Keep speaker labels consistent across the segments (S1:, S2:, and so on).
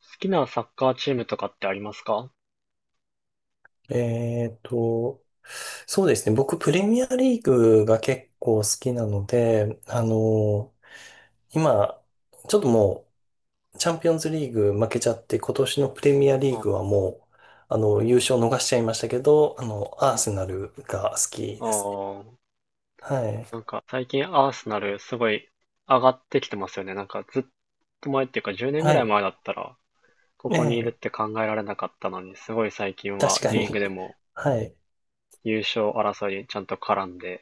S1: 好きなサッカーチームとかってありますか？
S2: えーと、そうですね。僕、プレミアリーグが結構好きなので、今、ちょっともう、チャンピオンズリーグ負けちゃって、今年のプレミアリー
S1: あ
S2: グはもう、優勝逃しちゃいましたけど、アーセナルが好き
S1: あ
S2: ですね。
S1: ー、
S2: はい。
S1: なんか最近アーセナルすごい上がってきてますよね。なんかずっと前っていうか10年ぐ
S2: は
S1: らい
S2: い。
S1: 前だったらこ
S2: え
S1: こにいるっ
S2: え、
S1: て考えられなかったのに、すごい最近は
S2: 確か
S1: リーグ
S2: に。
S1: でも
S2: はい。
S1: 優勝争いにちゃんと絡んで。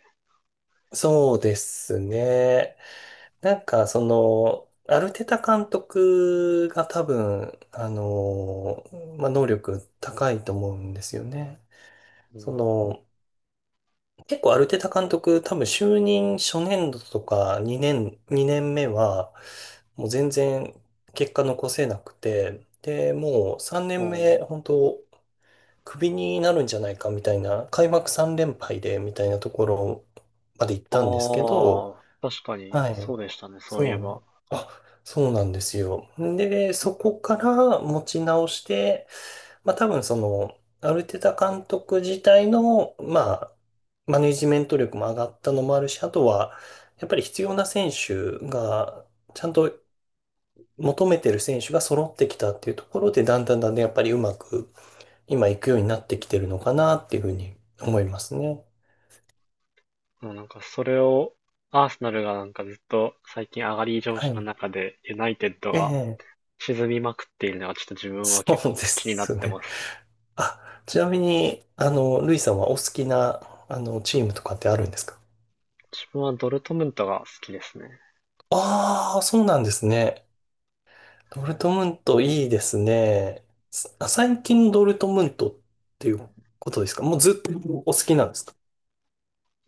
S2: そうですね。アルテタ監督が多分、まあ、能力高いと思うんですよね。
S1: う
S2: そ
S1: ん、
S2: の、結構アルテタ監督、多分就任初年度とか2年目は、もう全然結果残せなくて、で、もう3
S1: う
S2: 年目、
S1: ん。
S2: 本当クビになるんじゃないかみたいな、開幕3連敗でみたいなところまで行ったんですけ
S1: あ
S2: ど、
S1: あ、確かに
S2: は
S1: そ
S2: い。
S1: うでしたね、そ
S2: そ
S1: ういえ
S2: う
S1: ば。
S2: なの。あ、そうなんですよ。で、そこから持ち直して、まあ多分その、アルテタ監督自体の、まあ、マネジメント力も上がったのもあるし、あとは、やっぱり必要な選手が、ちゃんと求めてる選手が揃ってきたっていうところで、だんだんだんだんやっぱりうまく今いくようになってきてる
S1: うん。
S2: のかなっていうふうに思いますね。
S1: でもなんかそれをアーセナルがなんかずっと最近上がり調
S2: は
S1: 子の
S2: い。
S1: 中でユナイテッド
S2: え
S1: が
S2: え、
S1: 沈みまくっているのがちょっと自分
S2: そ
S1: は
S2: う
S1: 結
S2: で
S1: 構気になっ
S2: す
S1: て
S2: ね。
S1: ます。
S2: あ、ちなみに、ルイさんはお好きな、チームとかってあるんですか？
S1: 自分はドルトムントが好きですね。
S2: ああー、そうなんですね。ドルトムントいいですね。最近のドルトムントっていうことですか？もうずっとお好きなんですか？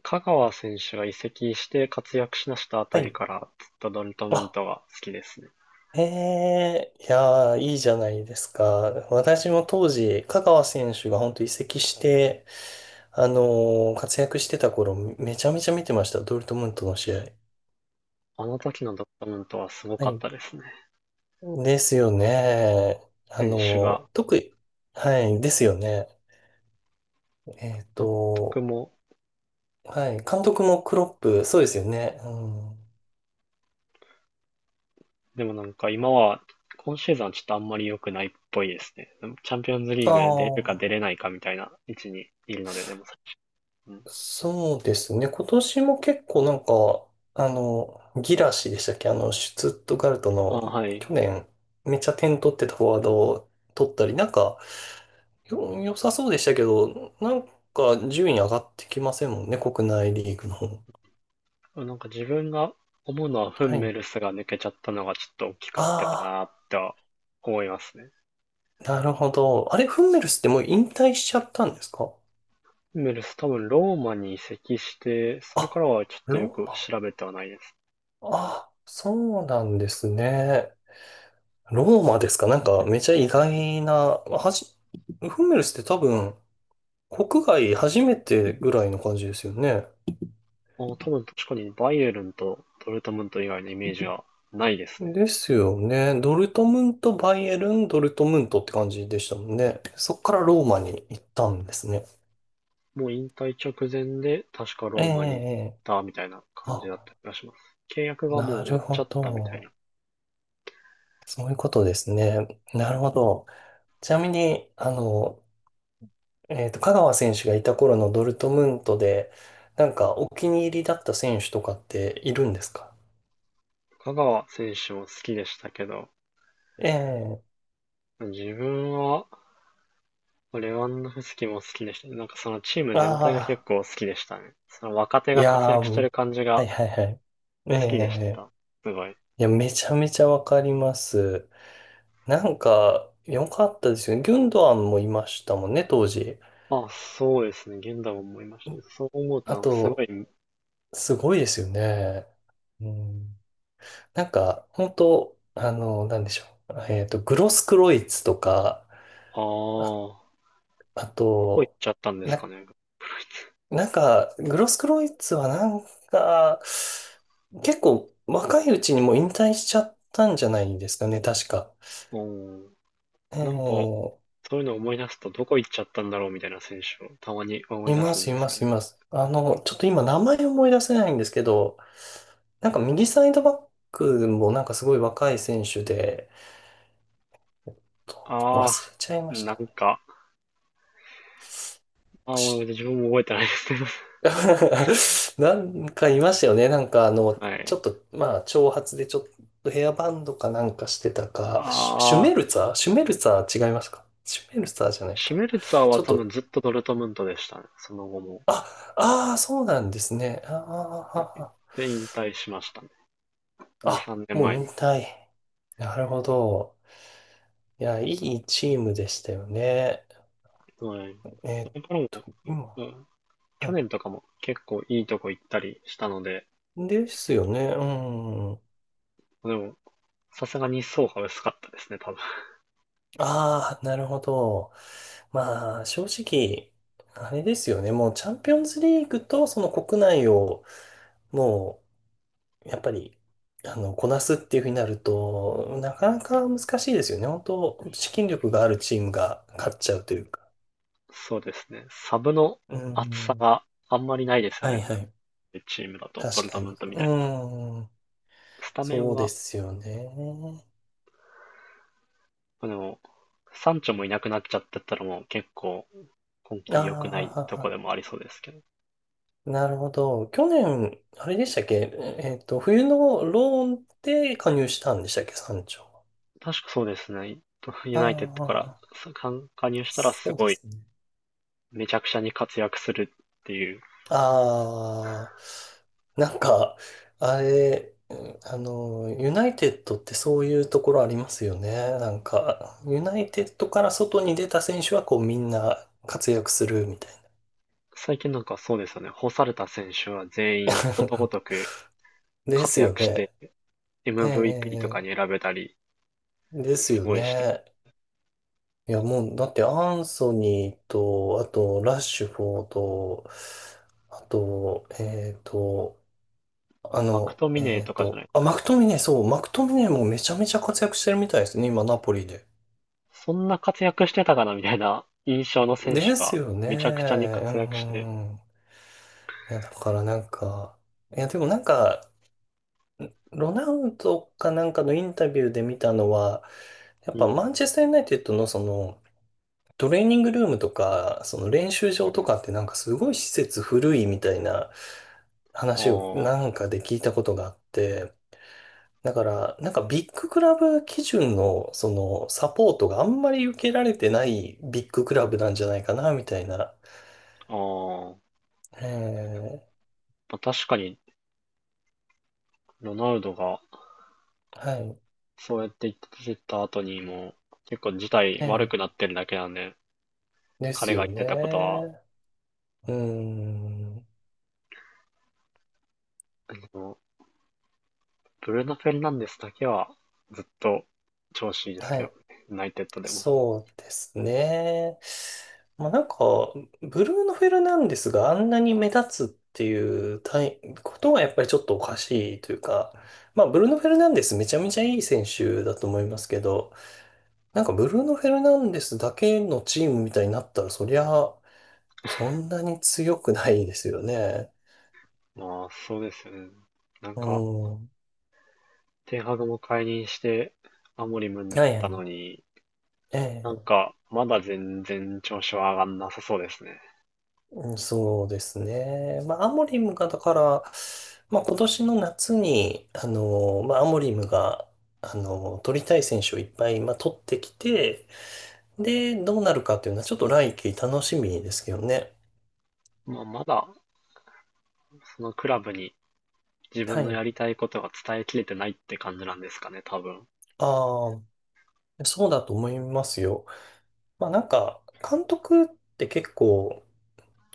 S1: 香川選手が移籍して活躍しだしたあ
S2: は
S1: たり
S2: い。
S1: からずっとドルトムン
S2: あ、
S1: トが好きですね。
S2: ええ、いやー、いいじゃないですか。私も当時、香川選手が本当移籍して、活躍してた頃、めちゃめちゃ見てました。ドルトムントの試合。
S1: あの時のドルトムントはすご
S2: は
S1: かっ
S2: い、
S1: たですね。
S2: ですよね。あ
S1: 選手が、
S2: の、特に、はい、ですよね。えっ
S1: 監督
S2: と、
S1: も、
S2: はい、監督もクロップ、そうですよね。うん、
S1: でもなんか今シーズンはちょっとあんまり良くないっぽいですね。チャンピオンズリ
S2: あ
S1: ーグで出るか
S2: あ、
S1: 出れないかみたいな位置にいるので、でも、うん、
S2: そうですね。今年も結構なんか、あの、ギラシでしたっけ？あの、シュツットガルト
S1: あ、
S2: の、
S1: はい。
S2: 去年、めっちゃ点取ってたフォワードを取ったり、なんか、良さそうでしたけど、なんか、順位上がってきませんもんね、国内リーグの方。
S1: なんか自分が思うのはフ
S2: は
S1: ンメ
S2: い。
S1: ルスが抜けちゃったのがちょっと大きかったか
S2: あ
S1: な
S2: あ。
S1: っては思いますね。
S2: なるほど。あれ、フンメルスってもう引退しちゃったんですか？
S1: フンメルス多分ローマに移籍して、それから
S2: あ、
S1: はちょっとよ
S2: ロー
S1: く
S2: マ。
S1: 調べてはないです。
S2: あ、そうなんですね。ローマですか？なんかめちゃ意外な、はじ、フンメルスって多分、国外初めてぐらいの感じですよね。
S1: あ、多分確かにバイエルンとドルトムント以外のイメージがないですね。
S2: ですよね。ドルトムント、バイエルン、ドルトムントって感じでしたもんね。そっからローマに行ったんですね。
S1: もう引退直前で確か
S2: ええ、
S1: ローマに行っ
S2: ええ、
S1: たみたいな感じだっ
S2: あ、
S1: た気がします。契約がもう
S2: な
S1: 終わ
S2: る
S1: っちゃ
S2: ほ
S1: ったみたいな。
S2: ど。そういうことですね。なるほど。ちなみに、香川選手がいた頃のドルトムントで、なんかお気に入りだった選手とかっているんですか？
S1: 香川選手も好きでしたけど、
S2: ええ、
S1: 自分はレワンドフスキも好きでしたね。なんかそのチーム全体が結
S2: ああ
S1: 構好きでしたね。その若手
S2: ー、い
S1: が活
S2: やー、
S1: 躍
S2: う
S1: してる
S2: ん、
S1: 感じ
S2: は
S1: が
S2: いはいはい。え
S1: 好きでし
S2: え、
S1: た。すごい。
S2: いや、めちゃめちゃわかります。なんか、良かったですよね。ギュンドアンもいましたもんね、当時。
S1: あ、そうですね。現代も思いましたね。そう思うと
S2: あ
S1: なんかすごい、
S2: と、すごいですよね。うん、なんか、本当あの、なんでしょう。えっと、グロスクロイツとか、あ、
S1: ああ、
S2: あ
S1: どこ行っ
S2: と、
S1: ちゃったんですか
S2: な、
S1: ね。
S2: なんか、グロスクロイツはなんか、結構若いうちにもう引退しちゃったんじゃないですかね、確か。
S1: うん。なんか、
S2: ええ、
S1: そういうのを思い出すとどこ行っちゃったんだろうみたいな選手をたまに思い
S2: い
S1: 出
S2: ま
S1: すん
S2: す、い
S1: で
S2: ま
S1: すよ
S2: す、い
S1: ね。
S2: ます。あの、ちょっと今名前思い出せないんですけど、なんか右サイドバックもなんかすごい若い選手で、忘
S1: ああ、
S2: れちゃいまし
S1: な
S2: たね。
S1: んか、ああ、もう自分も覚えてないですけど。
S2: なんかいましたよね。なんかあ の、
S1: は
S2: ちょ
S1: い。
S2: っと、まあ、長髪でちょっとヘアバンドかなんかしてた
S1: あ
S2: か、シュメル
S1: あ。
S2: ツァー、シュメルツァー違いますか？シュメルツァーじゃない
S1: シュ
S2: か。
S1: メルツァーは
S2: ちょっ
S1: 多
S2: と、
S1: 分ずっとドルトムントでしたね。その後も。
S2: あ、ああ、そうなんですね。
S1: で、引退しましたね。
S2: あ
S1: 2、
S2: あ
S1: 3年
S2: もう
S1: 前
S2: 引
S1: に。
S2: 退。なるほど。いや、いいチームでしたよね。
S1: はい。
S2: えー
S1: そ
S2: っ
S1: れからも、
S2: 今、
S1: うん、
S2: は
S1: 去
S2: い。
S1: 年とかも結構いいとこ行ったりしたので、
S2: ですよね。うん。
S1: でも、さすがに層が薄かったですね、多分。
S2: ああ、なるほど。まあ、正直、あれですよね。もうチャンピオンズリーグとその国内を、もう、やっぱり、あの、こなすっていうふうになると、なかなか難しいですよね。本当、資金力があるチームが勝っちゃうというか。
S1: そうですね。サブの
S2: う
S1: 厚さ
S2: ん。
S1: があんまりないですよ
S2: は
S1: ね。
S2: いはい。
S1: チームだと、ド
S2: 確
S1: ルト
S2: か
S1: ムン
S2: に。
S1: トみたいな。
S2: うん。
S1: スタメン
S2: そうで
S1: は、
S2: すよね。
S1: でも、サンチョもいなくなっちゃってたらもう結構今
S2: あ
S1: 季良くない
S2: あ、は
S1: とこ
S2: は、
S1: でもありそうですけど。
S2: なるほど。去年、あれでしたっけ？えっと、冬のローンで加入したんでしたっけ山頂は。
S1: 確かそうですね。ユナイテッドから
S2: あ
S1: 加入
S2: あ、
S1: したらす
S2: そうで
S1: ごい
S2: すね。
S1: めちゃくちゃに活躍するっていう。
S2: ああ、なんか、あれ、うん、あの、ユナイテッドってそういうところありますよね。なんか、ユナイテッドから外に出た選手はこうみんな活躍するみたい
S1: 最近なんかそうですよね。干された選手は全員ことご
S2: な。
S1: とく
S2: で
S1: 活
S2: すよ
S1: 躍して、
S2: ね。ええ、
S1: MVP とか
S2: ええ、
S1: に選べたり、
S2: です
S1: す
S2: よ
S1: ごいして。
S2: ね。いや、もう、だってアンソニーと、あと、ラッシュフォード、あと、
S1: マクトミネーとかじゃない、
S2: マクトミネ、そう、マクトミネもめちゃめちゃ活躍してるみたいですね、今、ナポリで。
S1: そんな活躍してたかなみたいな印象の選手
S2: です
S1: が
S2: よね。う
S1: めちゃくちゃに活躍して。
S2: んうん。いや、だからなんか、いや、でもなんか、ロナウドかなんかのインタビューで見たのは、やっ
S1: う
S2: ぱマン
S1: ん。
S2: チェスターユナイテッドのその、トレーニングルームとか、その練習
S1: う
S2: 場と
S1: ん。
S2: かってなんかすごい施設古いみたいな話を
S1: あ
S2: なんかで聞いたことがあって、だからなんかビッグクラブ基準のそのサポートがあんまり受けられてないビッグクラブなんじゃないかなみたいな。
S1: あ、ああ。
S2: ええ、
S1: まあ確かに、ロナウドが
S2: はい。
S1: そうやって言ってた後にも、結構事態悪
S2: ええ、
S1: くなってるだけなんで、
S2: です
S1: 彼が
S2: よ
S1: 言ってたことは、
S2: ね。うーん。
S1: あのブルーノ・フェルナンデスだけはずっと調子いいです
S2: は
S1: けど、
S2: い。
S1: ユナイテッドでも。
S2: そうですね。まあ、なんか、ブルーノ・フェルナンデスがあんなに目立つっていうたいことはやっぱりちょっとおかしいというか、まあ、ブルーノ・フェルナンデスめちゃめちゃいい選手だと思いますけど、なんかブルーノ・フェルナンデスだけのチームみたいになったら、そりゃ、そんなに強くないですよね。
S1: まあ、そうですよね。なん
S2: う
S1: か、
S2: ん。は
S1: テンハグも解任して、アモリムにな
S2: い
S1: っ
S2: は
S1: た
S2: い。
S1: のに、な
S2: え
S1: ん
S2: え、
S1: か、まだ全然調子は上がんなさそうですね。
S2: うん、そうですね。まあ、アモリムが、だから、まあ、今年の夏に、まあ、アモリムが、取りたい選手をいっぱい、まあ、取ってきて、で、どうなるかっていうのは、ちょっと来季楽しみですけどね。
S1: まあ、まだ、そのクラブに自
S2: は
S1: 分の
S2: い。
S1: やりたいことが伝えきれてないって感じなんですかね、多分。
S2: ああ、そうだと思いますよ。まあ、なんか、監督って結構、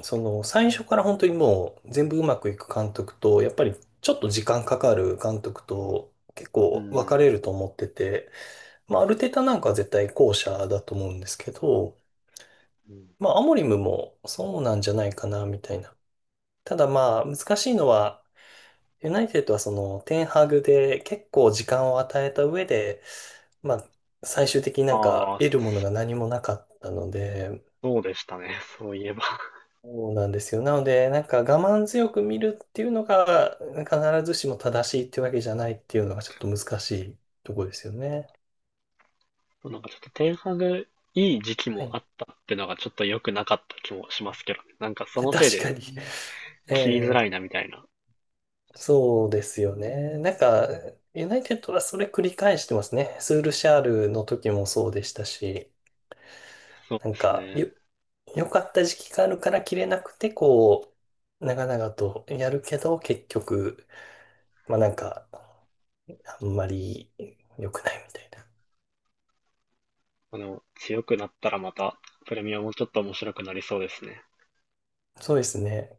S2: その、最初から本当にもう、全部うまくいく監督と、やっぱり、ちょっと時間かかる監督と、結
S1: う
S2: 構分か
S1: ん。
S2: れると思ってて、まあ、アルテタなんかは絶対後者だと思うんですけど、
S1: うん。
S2: まあ、アモリムもそうなんじゃないかな、みたいな。ただまあ、難しいのは、ユナイテッドはその、テンハグで結構時間を与えた上で、まあ、最終的になんか
S1: ああ、
S2: 得るものが何もなかったので、
S1: そうでしたね。そういえば。
S2: そうなんですよ。なので、なんか我慢強く見るっていうのが、必ずしも正しいっていうわけじゃないっていうのがちょっと難しいところですよね。
S1: なんかちょっとテンハグいい時期
S2: は
S1: もあ
S2: い。
S1: ったってのがちょっと良くなかった気もしますけどね。なんかそ
S2: 確
S1: のせいで
S2: かに。え
S1: 切りづらい
S2: え、
S1: なみたいな。
S2: そうですよね。なんか、ユナイテッドはそれ繰り返してますね。スールシャールの時もそうでしたし、
S1: そう
S2: な
S1: で
S2: ん
S1: す
S2: か、
S1: ね。
S2: 良かった時期があるから切れなくて、こう、長々とやるけど、結局、まあなんか、あんまり良くないみたいな。
S1: まあの、強くなったらまたプレミアもちょっと面白くなりそうですね。
S2: そうですね。